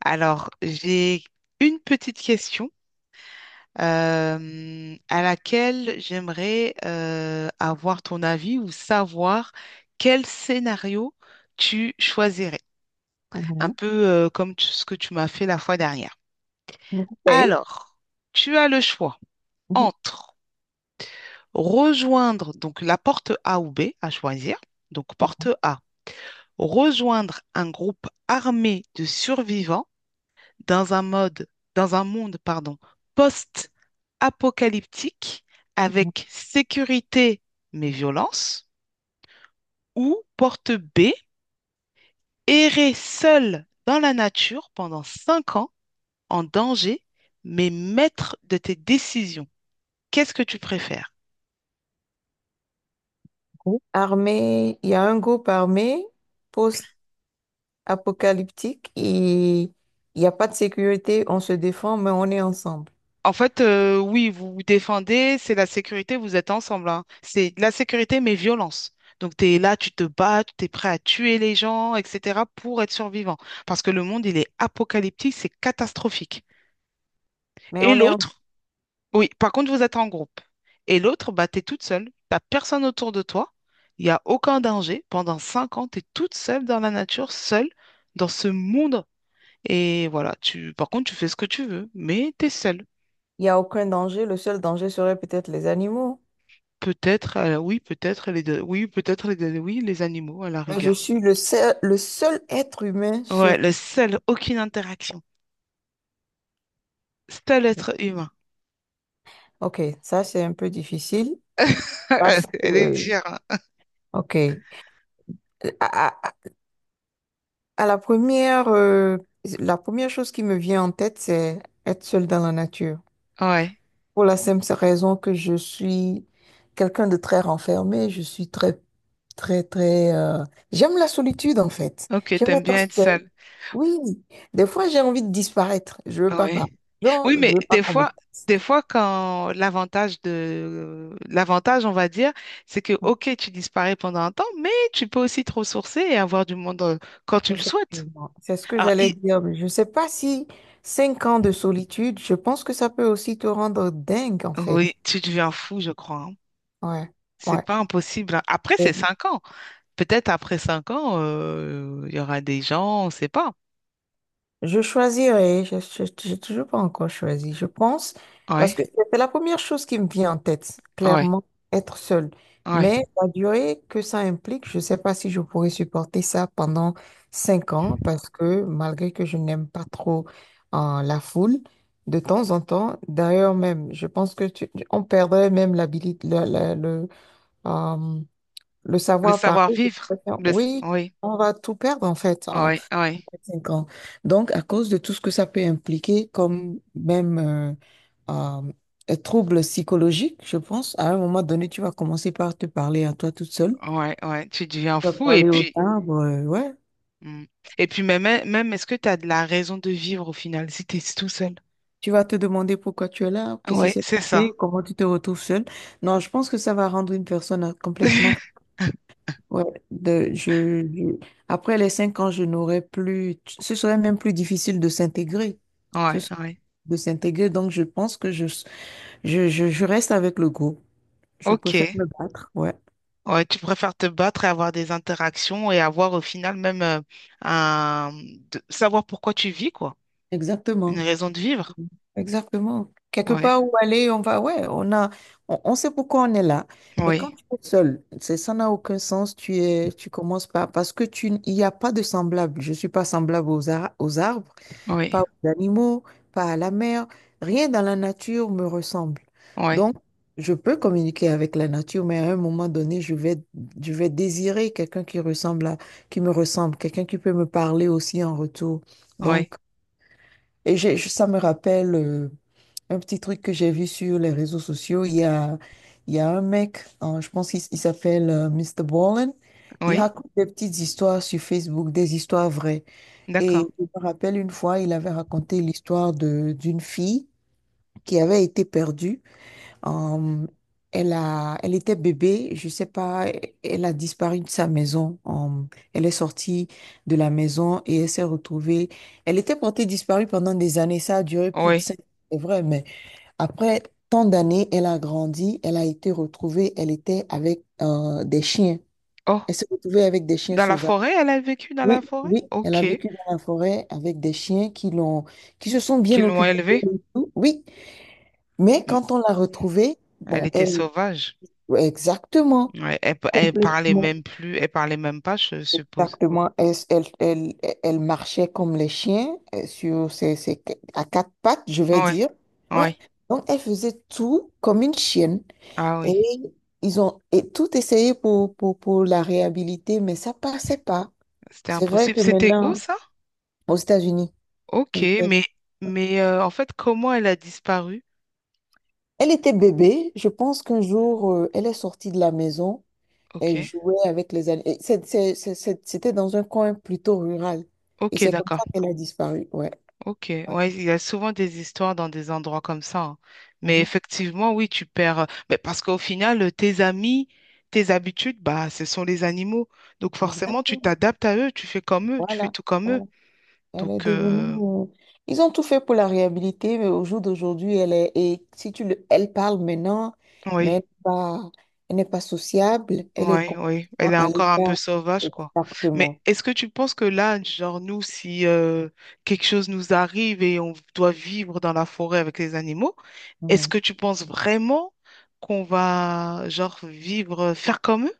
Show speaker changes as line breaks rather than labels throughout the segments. Alors, j'ai une petite question à laquelle j'aimerais avoir ton avis ou savoir quel scénario tu choisirais. Un
Mhm.
peu comme ce que tu m'as fait la fois dernière.
Ok.
Alors, tu as le choix
Mhm.
entre rejoindre donc la porte A ou B à choisir. Donc, porte A, rejoindre un groupe armé de survivants dans un mode, dans un monde, pardon, apocalyptique
Mhm.
avec sécurité mais violence, ou porte B, errer seul dans la nature pendant 5 ans en danger mais maître de tes décisions. Qu'est-ce que tu préfères?
Armée, il y a un groupe armé post-apocalyptique et il n'y a pas de sécurité, on se défend, mais on est ensemble.
En fait, oui, vous vous défendez, c'est la sécurité, vous êtes ensemble, hein. C'est la sécurité mais violence. Donc, tu es là, tu te bats, tu es prêt à tuer les gens, etc., pour être survivant. Parce que le monde, il est apocalyptique, c'est catastrophique.
Mais
Et
on est en...
l'autre, oui, par contre, vous êtes en groupe. Et l'autre, bah, t'es toute seule. T'as personne autour de toi. Il n'y a aucun danger. Pendant cinq ans, t'es toute seule dans la nature, seule dans ce monde. Et voilà, tu, par contre, tu fais ce que tu veux, mais t'es seule.
Il n'y a aucun danger, le seul danger serait peut-être les animaux.
Peut-être, oui, peut-être les deux, oui, oui, les animaux à la
Mais je
rigueur.
suis le seul être humain
Ouais,
sur...
le seul, aucune interaction. Seul être humain.
Ok, ça c'est un peu difficile. Parce
Elle est
que,
dure, hein.
ok. À, à- à la première, euh, la première chose qui me vient en tête, c'est être seule dans la nature.
Ouais.
Pour la simple raison que je suis quelqu'un de très renfermé, je suis très, très, très... J'aime la solitude, en fait.
Ok,
J'aime
t'aimes
être
bien être
seule.
seule.
Oui. Des fois, j'ai envie de disparaître. Je veux pas parler
Ouais.
aux gens,
Oui,
je
mais
veux pas qu'on me teste.
des fois quand l'avantage, on va dire, c'est que ok, tu disparais pendant un temps, mais tu peux aussi te ressourcer et avoir du monde quand tu le souhaites.
Effectivement, c'est ce que
Alors,
j'allais
i-
dire, mais je ne sais pas si 5 ans de solitude, je pense que ça peut aussi te rendre dingue, en
oui,
fait.
tu deviens fou, je crois, hein.
Ouais,
C'est
ouais.
pas impossible, hein. Après, c'est
Euh,
5 ans. Peut-être après 5 ans, il y aura des gens, on sait pas.
Je choisirais, je n'ai toujours pas encore choisi, je pense, parce
Ouais,
que c'est la première chose qui me vient en tête,
ouais,
clairement, être seule.
ouais.
Mais la durée que ça implique, je ne sais pas si je pourrais supporter ça pendant 5 ans, parce que malgré que je n'aime pas trop la foule, de temps en temps, d'ailleurs même, je pense que on perdrait même l'habilité, le, le euh, le
Le
savoir parler.
savoir-vivre.
Oui,
Oui,
on va tout perdre en fait, hein.
ouais, ouais,
5 ans. Donc, à cause de tout ce que ça peut impliquer, comme même euh, un trouble psychologique, je pense, à un moment donné, tu vas commencer par te parler à toi toute seule.
ouais, ouais. Tu deviens
Tu vas
fou et
parler aux
puis.
arbres, ouais.
Mm. Et puis même, même est-ce que tu as de la raison de vivre au final si tu es tout seul?
Tu vas te demander pourquoi tu es là, qu'est-ce qui
Ouais,
s'est
c'est ça.
passé, comment tu te retrouves seule. Non, je pense que ça va rendre une personne complètement... Ouais, de, je, je- après les 5 ans, je n'aurais plus... Ce serait même plus difficile de s'intégrer. Ce
Ouais,
serait
ouais.
de s'intégrer. Donc, je pense que je reste avec le go. Je préfère
Ok.
me battre. Ouais,
Ouais, tu préfères te battre et avoir des interactions et avoir au final même un... savoir pourquoi tu vis, quoi. Une
exactement.
raison de vivre.
Exactement. Quelque
Ouais,
part où aller, on va, ouais, on sait pourquoi on est là. Mais quand
oui,
tu es seul, ça n'a aucun sens. Tu commences pas parce que il n'y a pas de semblable. Je suis pas semblable aux arbres, pas
oui,
aux animaux, pas à la mer, rien dans la nature me ressemble.
oui,
Donc, je peux communiquer avec la nature, mais à un moment donné, je vais désirer quelqu'un qui me ressemble, quelqu'un qui peut me parler aussi en retour.
oui,
Donc, et ça me rappelle un petit truc que j'ai vu sur les réseaux sociaux. Il y a un mec, hein, je pense il s'appelle Mr. Ballin. Il
oui.
raconte des petites histoires sur Facebook, des histoires vraies.
D'accord.
Et je me rappelle une fois, il avait raconté l'histoire de d'une fille qui avait été perdue. Euh, Elle était bébé, je sais pas, elle a disparu de sa maison. Elle est sortie de la maison et elle s'est retrouvée. Elle était portée disparue pendant des années. Ça a duré plus de
Oui.
cinq, c'est vrai, mais après tant d'années, elle a grandi, elle a été retrouvée. Elle était avec des chiens.
Oh,
Elle s'est retrouvée avec des chiens
dans la
sauvages.
forêt, elle a vécu dans
Oui,
la forêt?
oui, elle a
Ok.
vécu dans la forêt avec des chiens qui se sont bien
Qu'ils l'ont
occupés
élevée?
de tout. Oui, mais
Mm.
quand on l'a retrouvée,
Elle
bon,
était
elle,
sauvage.
exactement,
Ouais, elle parlait
complètement,
même plus, elle parlait même pas, je suppose.
exactement, elle marchait comme les chiens, sur ses, ses à quatre pattes, je vais
Ouais,
dire. Ouais.
ouais.
Donc, elle faisait tout comme une chienne.
Ah
Et
oui,
ils ont et tout essayé pour la réhabiliter, mais ça passait pas.
c'était
C'est vrai
impossible.
que
C'était où
maintenant,
ça?
aux États-Unis.
Ok, mais en fait, comment elle a disparu?
Elle était bébé. Je pense qu'un jour, elle est sortie de la maison. Elle
Ok,
jouait avec les animaux. C'était dans un coin plutôt rural. Et
ok,
c'est comme
d'accord.
ça qu'elle a disparu. Ouais,
Ok,
ouais.
ouais, il y a souvent des histoires dans des endroits comme ça, hein. Mais
Mhm.
effectivement, oui, tu perds, mais parce qu'au final, tes amis, tes habitudes, bah, ce sont les animaux. Donc forcément, tu
Exactement.
t'adaptes à eux, tu fais comme eux, tu fais
Voilà.
tout comme eux.
Voilà. Elle est
Donc
devenue... Ils ont tout fait pour la réhabiliter, mais au jour d'aujourd'hui, elle est... Et si tu le... Elle parle maintenant, mais
oui.
elle n'est pas... sociable. Elle est
Oui, oui,
complètement
elle est
à
encore un peu
l'écart.
sauvage, quoi. Mais
Exactement.
est-ce que tu penses que là, genre nous, si quelque chose nous arrive et on doit vivre dans la forêt avec les animaux, est-ce
Mhm.
que tu penses vraiment qu'on va, genre, vivre, faire comme eux?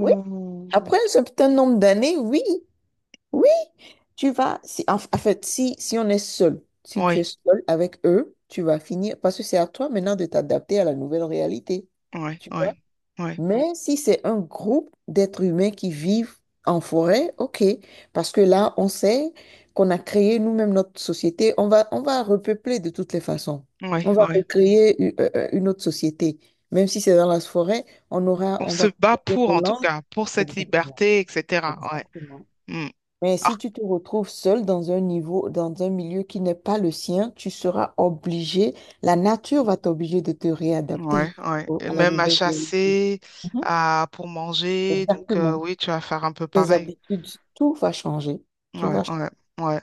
Oui. Après un certain nombre d'années, oui. Oui. Si, En fait, si on est seul, si tu es
Oui,
seul avec eux, tu vas finir, parce que c'est à toi maintenant de t'adapter à la nouvelle réalité.
oui,
Tu
oui,
vois?
oui,
Mais si c'est un groupe d'êtres humains qui vivent en forêt, ok, parce que là, on sait qu'on a créé nous-mêmes notre société, on va repeupler de toutes les façons.
oui,
On va
oui.
recréer une autre société. Même si c'est dans la forêt,
On
on
se
va
bat
couper
pour,
nos
en tout
langues.
cas, pour cette
Exactement.
liberté, etc. Ouais.
Exactement.
Mm.
Mais si
Alors,
tu te retrouves seul dans un milieu qui n'est pas le sien, tu seras obligé, la nature va t'obliger de te réadapter
ouais, ouais. Et
à la
même à
nouvelle réalité.
chasser,
Mhm.
à, pour manger. Donc,
Exactement.
oui, tu vas faire un peu
Tes
pareil.
habitudes, tout va changer. Tout
Ouais,
va changer.
ouais, ouais.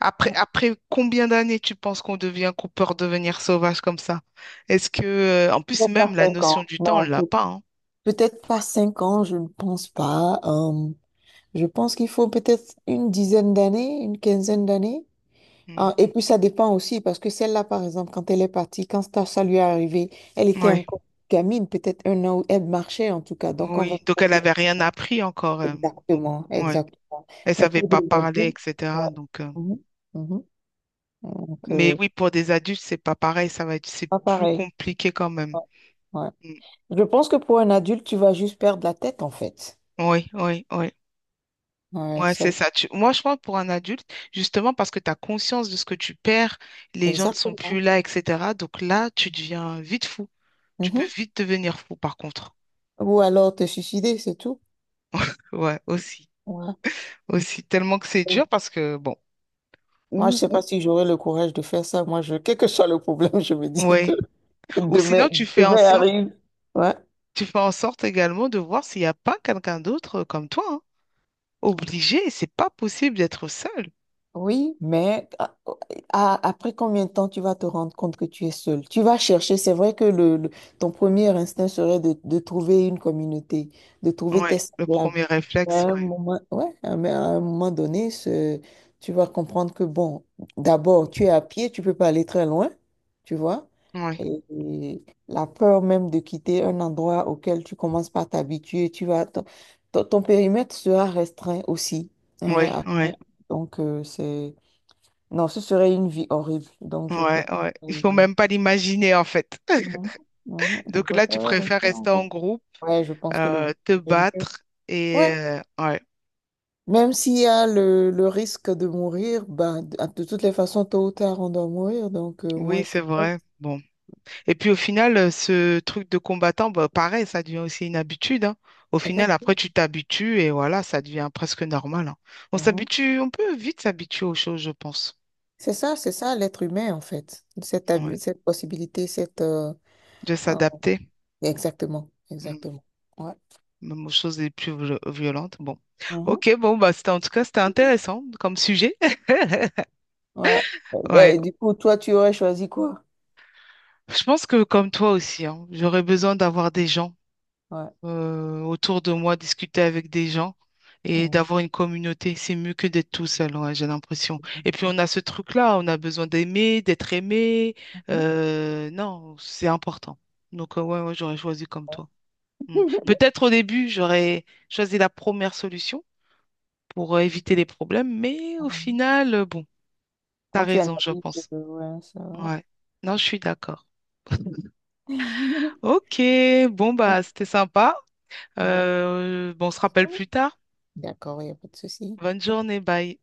Après, combien d'années tu penses qu'on devient, qu'on peut redevenir sauvage comme ça? Est-ce que, en plus,
Peut-être pas
même la
cinq
notion
ans.
du temps,
Non,
on l'a pas, hein.
peut-être pas 5 ans, je ne pense pas. Je pense qu'il faut peut-être une dizaine d'années, une quinzaine d'années. Ah, et puis ça dépend aussi, parce que celle-là, par exemple, quand elle est partie, quand ça lui est arrivé, elle
Mm.
était
Ouais,
encore gamine, peut-être 1 an, où elle marchait en tout cas. Donc on va
oui.
pas
Donc, elle
dire
avait rien appris encore, donc,
exactement,
ouais.
exactement.
Elle
Mais
savait
pour
pas
des
parler,
adultes, ouais.
etc. Donc,
Mhm, mhm. Donc,
mais oui, pour des adultes, c'est pas pareil. Ça va être, c'est
pas
plus
pareil.
compliqué quand même.
Ouais, ouais.
Mm.
Je pense que pour un adulte, tu vas juste perdre la tête, en fait.
Oui, oui, oui.
Ouais,
Ouais, c'est ça. Moi, je pense pour un adulte, justement parce que tu as conscience de ce que tu perds, les gens ne sont plus
exactement.
là, etc. Donc là, tu deviens vite fou. Tu peux
Mhm.
vite devenir fou, par contre.
Ou alors te suicider, c'est tout.
Ouais, aussi.
Ouais.
Aussi, tellement que c'est dur
Oui.
parce que, bon,
Moi, je
ou,
sais
ou,
pas si j'aurais le courage de faire ça. Quel que soit le problème, je me dis que
ouais. Ou
Demain,
sinon,
demain arrive. Ouais.
tu fais en sorte également de voir s'il n'y a pas quelqu'un d'autre comme toi, hein. Obligé, c'est pas possible d'être seul.
Oui, mais après combien de temps tu vas te rendre compte que tu es seul? Tu vas chercher, c'est vrai que ton premier instinct serait de trouver une communauté, de trouver
Ouais,
tes
le
semblables.
premier
Mais à
réflexe,
un
ouais.
moment, ouais, à un moment donné, tu vas comprendre que, bon, d'abord, tu es à pied, tu peux pas aller très loin, tu vois.
Ouais,
Et la peur même de quitter un endroit auquel tu commences par t'habituer, ton périmètre sera restreint aussi,
ouais,
hein,
ouais,
donc, c'est... Non, ce serait une vie horrible. Donc, je
ouais,
préfère...
ouais. Il faut
Mhm.
même pas l'imaginer, en fait.
Mhm. Je
Donc là, tu
préfère
préfères
rester en
rester en
couple.
groupe,
Ouais, je pense que le groupe
te
serait mieux.
battre et
Ouais.
ouais,
Même s'il y a le risque de mourir, ben, de toutes les façons, tôt ou tard, on doit mourir. Donc, moi,
oui,
je...
c'est
suis pas...
vrai. Bon. Et puis au final, ce truc de combattant, bah, pareil, ça devient aussi une habitude, hein. Au final, après,
Effectivement.
tu t'habitues et voilà, ça devient presque normal, hein. On
Mhm.
s'habitue, on peut vite s'habituer aux choses, je pense.
C'est ça l'être humain, en fait.
Ouais.
Cette possibilité, cette...
De
ah,
s'adapter,
exactement,
mm,
exactement. Ouais.
même aux choses les plus violentes. Bon.
Mhm.
Ok, bon, c'était en tout cas, c'était intéressant comme sujet.
Ouais. Eh
Ouais.
ben, du coup, toi, tu aurais choisi quoi?
Je pense que comme toi aussi, hein, j'aurais besoin d'avoir des gens
Ouais.
autour de moi, discuter avec des gens et d'avoir une communauté. C'est mieux que d'être tout seul, ouais, j'ai l'impression. Et puis
Mhm.
on a ce truc-là, on a besoin d'aimer, d'être aimé. Non, c'est important. Donc ouais, ouais, j'aurais choisi comme toi. Mm. Peut-être au début, j'aurais choisi la première solution pour éviter les problèmes, mais au final, bon, t'as
Quand tu
raison, je
analyses,
pense.
ouais, ça va.
Ouais. Non, je suis d'accord. Ok, bon c'était sympa. Bon, on se rappelle plus tard.
D'accord, il n'y a pas de souci.
Bonne journée, bye.